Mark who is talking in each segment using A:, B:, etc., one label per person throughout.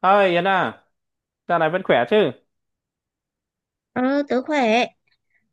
A: Ơi Yến à, dạo này vẫn khỏe chứ?
B: Ờ, tớ khỏe.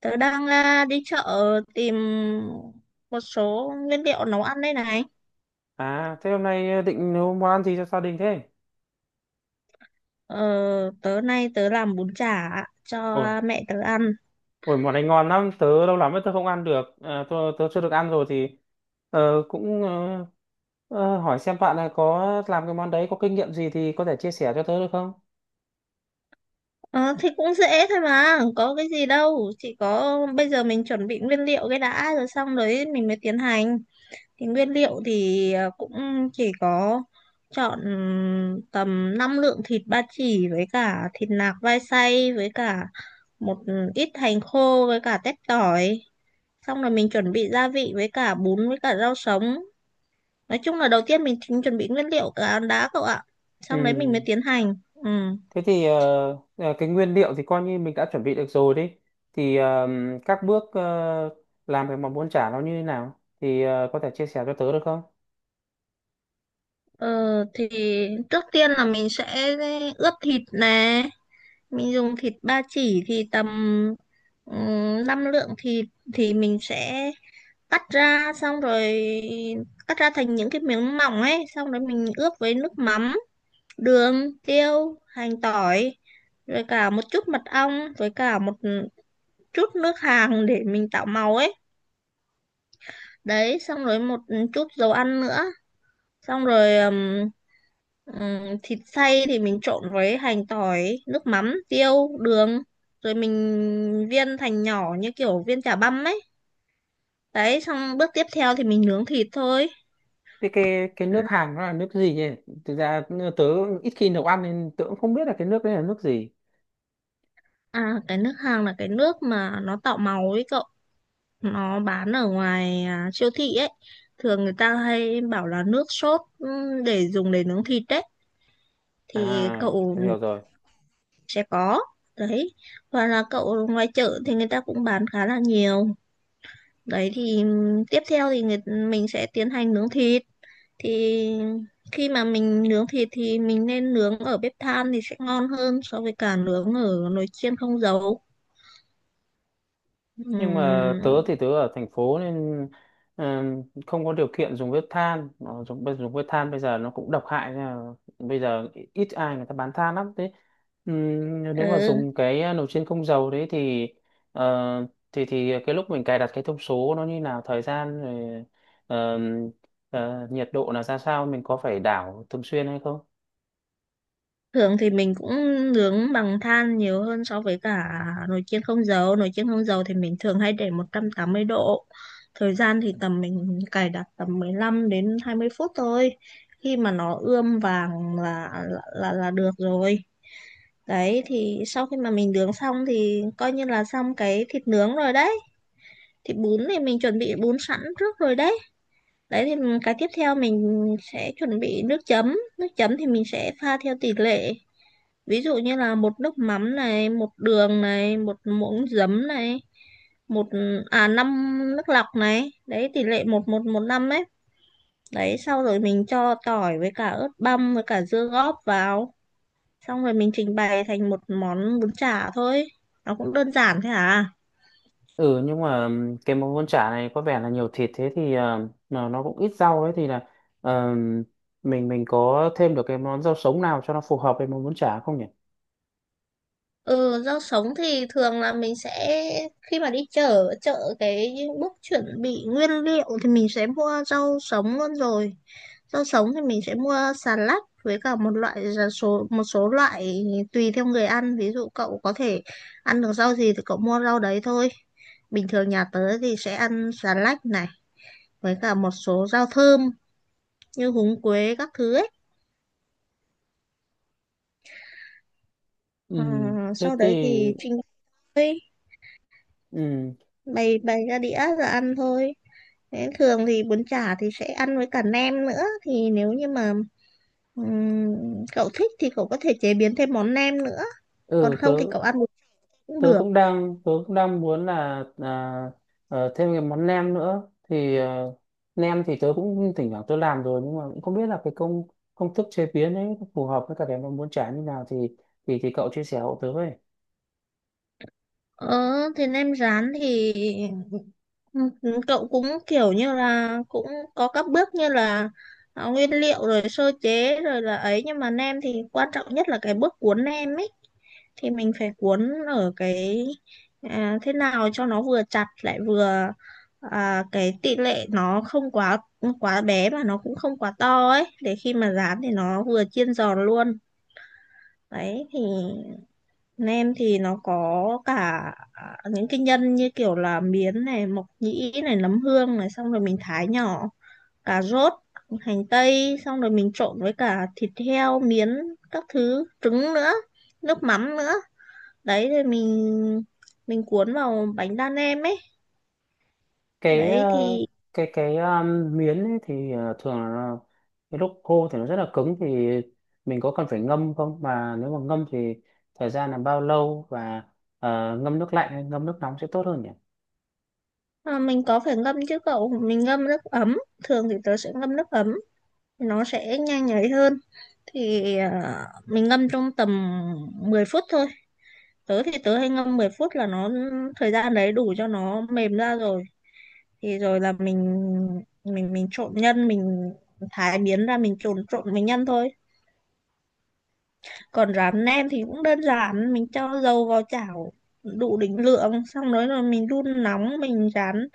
B: Tớ đang đi chợ tìm một số nguyên liệu nấu ăn đây này.
A: À, thế hôm nay định nấu món ăn gì cho gia đình thế?
B: Ờ, tớ nay tớ làm bún chả cho
A: Ôi,
B: mẹ tớ ăn.
A: ôi món này ngon lắm, tớ lâu lắm rồi tớ không ăn được, tớ chưa được ăn rồi thì cũng hỏi xem bạn là có làm cái món đấy có kinh nghiệm gì thì có thể chia sẻ cho tớ được không?
B: Ờ, thì cũng dễ thôi mà, có cái gì đâu. Chỉ có bây giờ mình chuẩn bị nguyên liệu cái đã rồi xong đấy mình mới tiến hành. Thì nguyên liệu thì cũng chỉ có chọn tầm 5 lượng thịt ba chỉ với cả thịt nạc vai xay với cả một ít hành khô với cả tép tỏi, xong rồi mình chuẩn bị gia vị với cả bún với cả rau sống. Nói chung là đầu tiên mình chính chuẩn bị nguyên liệu cả ăn đá cậu ạ, xong đấy mình mới
A: Ừ,
B: tiến hành. Ừ.
A: thế thì cái nguyên liệu thì coi như mình đã chuẩn bị được rồi đi. Thì các bước làm cái món bún chả nó như thế nào thì có thể chia sẻ cho tớ được không?
B: Ờ, thì trước tiên là mình sẽ ướp thịt nè. Mình dùng thịt ba chỉ thì tầm ừ, 5 lượng thịt, thì mình sẽ cắt ra, xong rồi cắt ra thành những cái miếng mỏng ấy, xong rồi mình ướp với nước mắm, đường, tiêu, hành, tỏi, rồi cả một chút mật ong với cả một chút nước hàng để mình tạo màu ấy. Đấy xong rồi một chút dầu ăn nữa. Xong rồi thịt xay thì mình trộn với hành, tỏi, nước mắm, tiêu, đường, rồi mình viên thành nhỏ như kiểu viên chả băm ấy. Đấy, xong bước tiếp theo thì mình nướng thịt thôi.
A: Thế cái nước Hàn nó là nước gì ấy? Thực ra tớ ít khi nấu ăn nên tớ cũng không biết là cái nước đấy là nước gì.
B: Cái nước hàng là cái nước mà nó tạo màu ấy cậu, nó bán ở ngoài siêu thị ấy, thường người ta hay bảo là nước sốt để dùng để nướng thịt đấy thì
A: À,
B: cậu
A: tớ hiểu rồi.
B: sẽ có. Đấy, hoặc là cậu ngoài chợ thì người ta cũng bán khá là nhiều. Đấy thì tiếp theo thì mình sẽ tiến hành nướng thịt. Thì khi mà mình nướng thịt thì mình nên nướng ở bếp than thì sẽ ngon hơn so với cả nướng ở nồi chiên không dầu.
A: Nhưng mà tớ
B: Ừm,
A: thì tớ ở thành phố nên không có điều kiện dùng bếp than. Dùng bếp than bây giờ nó cũng độc hại nên là bây giờ ít ai người ta bán than lắm. Thế nếu mà
B: ừ.
A: dùng cái nồi chiên không dầu đấy thì thì cái lúc mình cài đặt cái thông số nó như nào, thời gian rồi ờm, nhiệt độ là ra sao, mình có phải đảo thường xuyên hay không?
B: Thường thì mình cũng nướng bằng than nhiều hơn so với cả nồi chiên không dầu. Nồi chiên không dầu thì mình thường hay để 180 độ. Thời gian thì tầm mình cài đặt tầm 15 đến 20 phút thôi. Khi mà nó ươm vàng là được rồi. Đấy thì sau khi mà mình nướng xong thì coi như là xong cái thịt nướng rồi đấy. Thịt bún thì mình chuẩn bị bún sẵn trước rồi đấy. Đấy thì cái tiếp theo mình sẽ chuẩn bị nước chấm. Nước chấm thì mình sẽ pha theo tỷ lệ, ví dụ như là một nước mắm này, một đường này, một muỗng giấm này, một à năm nước lọc này, đấy tỷ lệ một một một năm ấy. Đấy sau rồi mình cho tỏi với cả ớt băm với cả dưa góp vào, xong rồi mình trình bày thành một món bún chả thôi, nó cũng đơn giản thế à.
A: Ừ, nhưng mà cái món bún chả này có vẻ là nhiều thịt thế thì mà nó cũng ít rau ấy thì là ờ, mình có thêm được cái món rau sống nào cho nó phù hợp với món bún chả không nhỉ?
B: Ừ, rau sống thì thường là mình sẽ, khi mà đi chợ chợ cái bước chuẩn bị nguyên liệu thì mình sẽ mua rau sống luôn rồi. Rau sống thì mình sẽ mua xà lách với cả một loại là số một số loại tùy theo người ăn. Ví dụ cậu có thể ăn được rau gì thì cậu mua rau đấy thôi. Bình thường nhà tớ thì sẽ ăn xà lách này với cả một số rau thơm như húng quế các thứ ấy.
A: Ừ
B: À,
A: thế
B: sau
A: thì
B: đấy thì trình bày
A: ừ
B: bày bày ra đĩa rồi ăn thôi. Thế thường thì bún chả thì sẽ ăn với cả nem nữa, thì nếu như mà cậu thích thì cậu có thể chế biến thêm món nem nữa, còn
A: ừ tớ
B: không thì cậu ăn bún cũng được.
A: tớ cũng đang muốn là thêm cái món nem nữa thì nem thì tớ cũng thỉnh thoảng tớ làm rồi nhưng mà cũng không biết là cái công công thức chế biến ấy phù hợp với cả cái món bún chả như nào thì cậu chia sẻ hộ tớ với.
B: Ờ, thế nem rán thì Ừ, cậu cũng kiểu như là cũng có các bước như là nguyên liệu rồi sơ chế rồi là ấy, nhưng mà nem thì quan trọng nhất là cái bước cuốn nem ấy. Thì mình phải cuốn ở cái thế nào cho nó vừa chặt lại vừa cái tỷ lệ nó không quá quá bé mà nó cũng không quá to ấy, để khi mà rán thì nó vừa chiên giòn luôn. Đấy thì bên em thì nó có cả những cái nhân như kiểu là miến này, mộc nhĩ này, nấm hương này, xong rồi mình thái nhỏ, cà rốt, hành tây, xong rồi mình trộn với cả thịt heo, miến, các thứ, trứng nữa, nước mắm nữa. Đấy rồi mình cuốn vào bánh đa nem ấy.
A: cái ờ,
B: Đấy thì
A: cái miến ấy thì thường là cái lúc khô thì nó rất là cứng, thì mình có cần phải ngâm không, mà nếu mà ngâm thì thời gian là bao lâu, và ngâm nước lạnh hay ngâm nước nóng sẽ tốt hơn nhỉ?
B: mình có phải ngâm chứ cậu, mình ngâm nước ấm, thường thì tớ sẽ ngâm nước ấm, nó sẽ nhanh nhảy hơn. Thì mình ngâm trong tầm 10 phút thôi, tớ thì tớ hay ngâm 10 phút là nó, thời gian đấy đủ cho nó mềm ra rồi. Thì rồi là mình trộn nhân, mình thái miến ra mình trộn trộn mình nhân thôi. Còn rán nem thì cũng đơn giản, mình cho dầu vào chảo đủ định lượng, xong rồi rồi mình đun nóng, mình rán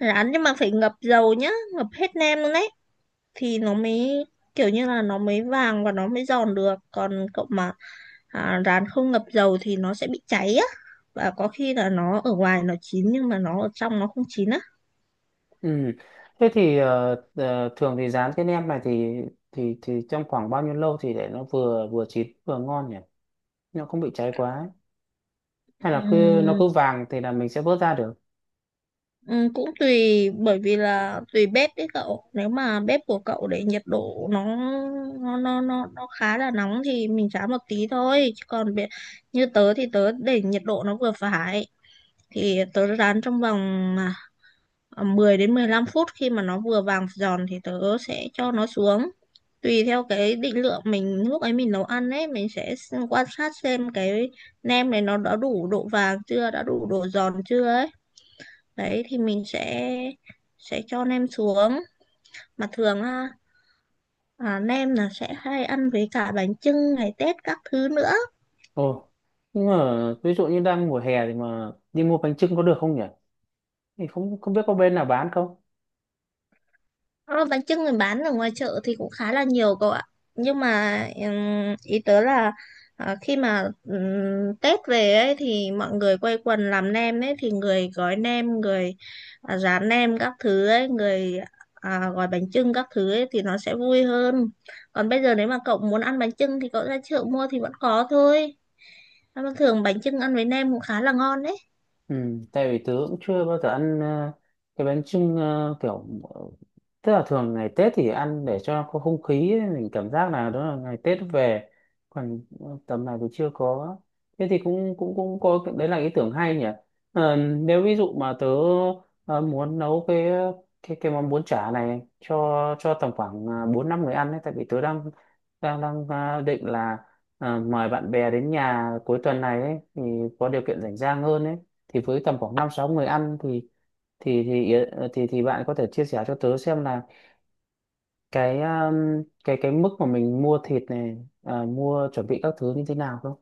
B: rán nhưng mà phải ngập dầu nhá, ngập hết nem luôn đấy thì nó mới kiểu như là nó mới vàng và nó mới giòn được. Còn cậu mà rán không ngập dầu thì nó sẽ bị cháy á, và có khi là nó ở ngoài nó chín nhưng mà nó ở trong nó không chín á.
A: Ừ. Thế thì thường thì rán cái nem này thì thì trong khoảng bao nhiêu lâu thì để nó vừa vừa chín vừa ngon nhỉ, nó không bị cháy quá ấy? Hay là cứ nó
B: Ừm,
A: cứ vàng thì là mình sẽ vớt ra được?
B: cũng tùy, bởi vì là tùy bếp đấy cậu, nếu mà bếp của cậu để nhiệt độ nó khá là nóng thì mình rán một tí thôi, chứ còn như tớ thì tớ để nhiệt độ nó vừa phải, thì tớ rán trong vòng à, 10 đến 15 phút, khi mà nó vừa vàng giòn thì tớ sẽ cho nó xuống. Tùy theo cái định lượng mình lúc ấy mình nấu ăn ấy, mình sẽ quan sát xem cái nem này nó đã đủ độ vàng chưa, đã đủ độ giòn chưa ấy. Đấy thì mình sẽ cho nem xuống. Mà thường á, nem là sẽ hay ăn với cả bánh chưng ngày Tết các thứ nữa.
A: Ồ, nhưng mà ví dụ như đang mùa hè thì mà đi mua bánh chưng có được không nhỉ, thì không không biết có bên nào bán không.
B: Ờ, bánh chưng mình bán ở ngoài chợ thì cũng khá là nhiều cậu ạ. Nhưng mà ý tớ là khi mà Tết về ấy thì mọi người quây quần làm nem ấy, thì người gói nem, người rán nem các thứ ấy, người gói bánh chưng các thứ ấy thì nó sẽ vui hơn. Còn bây giờ nếu mà cậu muốn ăn bánh chưng thì cậu ra chợ mua thì vẫn có thôi. Nhưng mà thường bánh chưng ăn với nem cũng khá là ngon đấy.
A: Ừ, tại vì tớ cũng chưa bao giờ ăn cái bánh chưng, kiểu ờ, tức là thường ngày Tết thì ăn để cho có không khí ấy, mình cảm giác là đó là ngày Tết về, còn tầm này thì chưa có. Thế thì cũng cũng cũng có đấy, là ý tưởng hay nhỉ. Ờ, nếu ví dụ mà tớ muốn nấu cái món bún chả này cho tầm khoảng bốn năm người ăn ấy, tại vì tớ đang đang đang định là mời bạn bè đến nhà cuối tuần này ấy, thì có điều kiện rảnh rang hơn ấy. Thì với tầm khoảng năm sáu người ăn thì bạn có thể chia sẻ cho tớ xem là cái cái mức mà mình mua thịt này, mua chuẩn bị các thứ như thế nào không?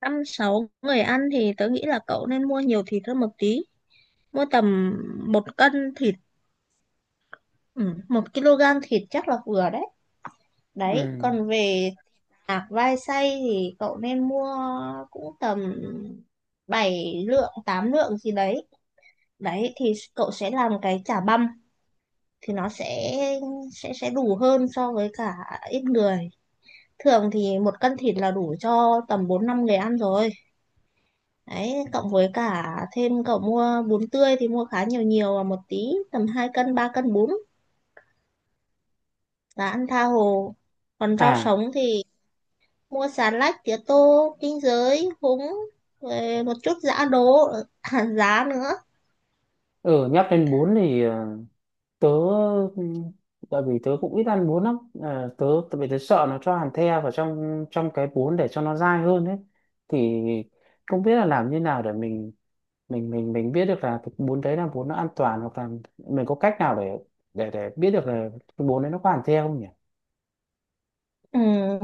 B: Năm sáu người ăn thì tớ nghĩ là cậu nên mua nhiều thịt hơn một tí. Mua tầm 1 cân thịt. Ừ, 1 kg thịt chắc là vừa đấy.
A: Ừ.
B: Đấy, còn về tạc vai xay thì cậu nên mua cũng tầm 7 lượng, 8 lượng gì đấy. Đấy thì cậu sẽ làm cái chả băm thì nó sẽ đủ hơn so với cả ít người. Thường thì 1 cân thịt là đủ cho tầm 4 5 người ăn rồi. Đấy, cộng với cả thêm cậu mua bún tươi thì mua khá nhiều nhiều và một tí, tầm 2 cân, 3 cân bún là ăn tha hồ. Còn rau
A: À,
B: sống thì mua xà lách, tía tô, kinh giới, húng, rồi một chút giã đỗ hạt giá nữa.
A: ừ, nhắc đến bún thì tớ ừm, tại vì tớ cũng ít ăn bún lắm. Ờ, tại vì tớ sợ nó cho hàn the vào trong trong cái bún để cho nó dai hơn ấy. Thì không biết là làm như nào để mình biết được là cái bún đấy là bún nó an toàn, hoặc là mình có cách nào để biết được là cái bún đấy nó có hàn the không nhỉ?
B: Ừ,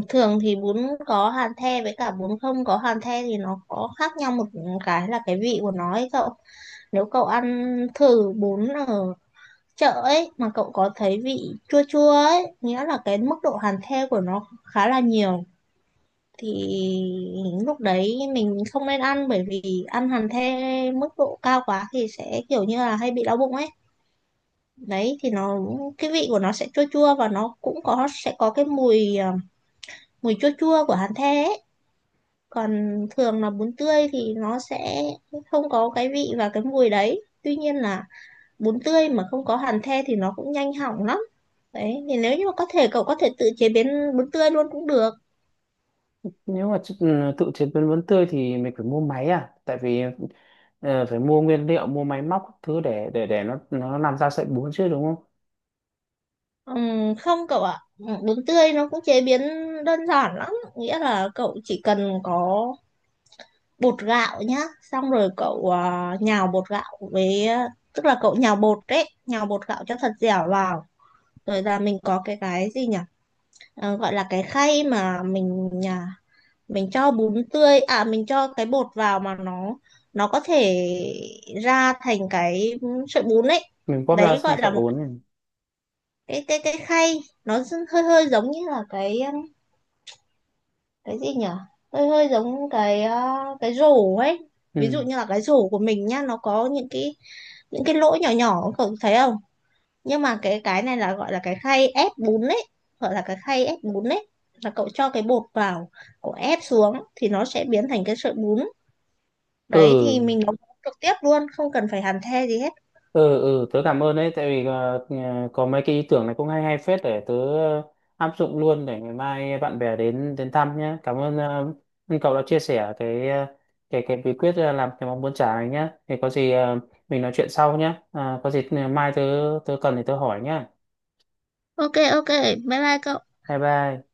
B: thường thì bún có hàn the với cả bún không có hàn the thì nó có khác nhau một cái là cái vị của nó ấy cậu. Nếu cậu ăn thử bún ở chợ ấy mà cậu có thấy vị chua chua ấy, nghĩa là cái mức độ hàn the của nó khá là nhiều, thì lúc đấy mình không nên ăn, bởi vì ăn hàn the mức độ cao quá thì sẽ kiểu như là hay bị đau bụng ấy. Đấy thì nó, cái vị của nó sẽ chua chua, và nó cũng có sẽ có cái mùi mùi chua chua của hàn the ấy. Còn thường là bún tươi thì nó sẽ không có cái vị và cái mùi đấy, tuy nhiên là bún tươi mà không có hàn the thì nó cũng nhanh hỏng lắm. Đấy thì nếu như mà có thể cậu có thể tự chế biến bún tươi luôn cũng được.
A: Nếu mà ừ, tự chế biến bún tươi thì mình phải mua máy à, tại vì phải mua nguyên liệu, mua máy móc các thứ để nó làm ra sợi bún chứ đúng không?
B: Không cậu ạ. Ừ, bún tươi nó cũng chế biến đơn giản lắm, nghĩa là cậu chỉ cần có bột gạo nhá, xong rồi cậu nhào bột gạo với tức là cậu nhào bột đấy, nhào bột gạo cho thật dẻo vào, rồi là mình có cái gì nhỉ. Ờ, gọi là cái khay mà mình cho bún tươi mình cho cái bột vào mà nó có thể ra thành cái sợi bún ấy.
A: Mình bóp ra
B: Đấy
A: sang
B: gọi là
A: sợi
B: một
A: bún này.
B: cái khay, nó hơi hơi giống như là cái gì nhỉ, hơi hơi giống cái rổ ấy. Ví
A: ừ
B: dụ như là cái rổ của mình nhá, nó có những cái lỗ nhỏ nhỏ cậu thấy không. Nhưng mà cái này là gọi là cái khay ép bún đấy, gọi là cái khay ép bún đấy, là cậu cho cái bột vào, cậu ép xuống thì nó sẽ biến thành cái sợi bún.
A: ừ
B: Đấy thì mình nấu trực tiếp luôn, không cần phải hàn the gì hết.
A: ừ, tớ cảm ơn đấy, tại vì có mấy cái ý tưởng này cũng hay hay phết, để tớ áp dụng luôn, để ngày mai bạn bè đến đến thăm nhé. Cảm ơn ờ, ơn cậu đã chia sẻ cái cái bí quyết làm cái món bún chả này nhé. Thì có gì mình nói chuyện sau nhé. À, có gì mai tớ tớ cần thì tớ hỏi nhé.
B: Ok ok, bye bye cậu.
A: Bye bye.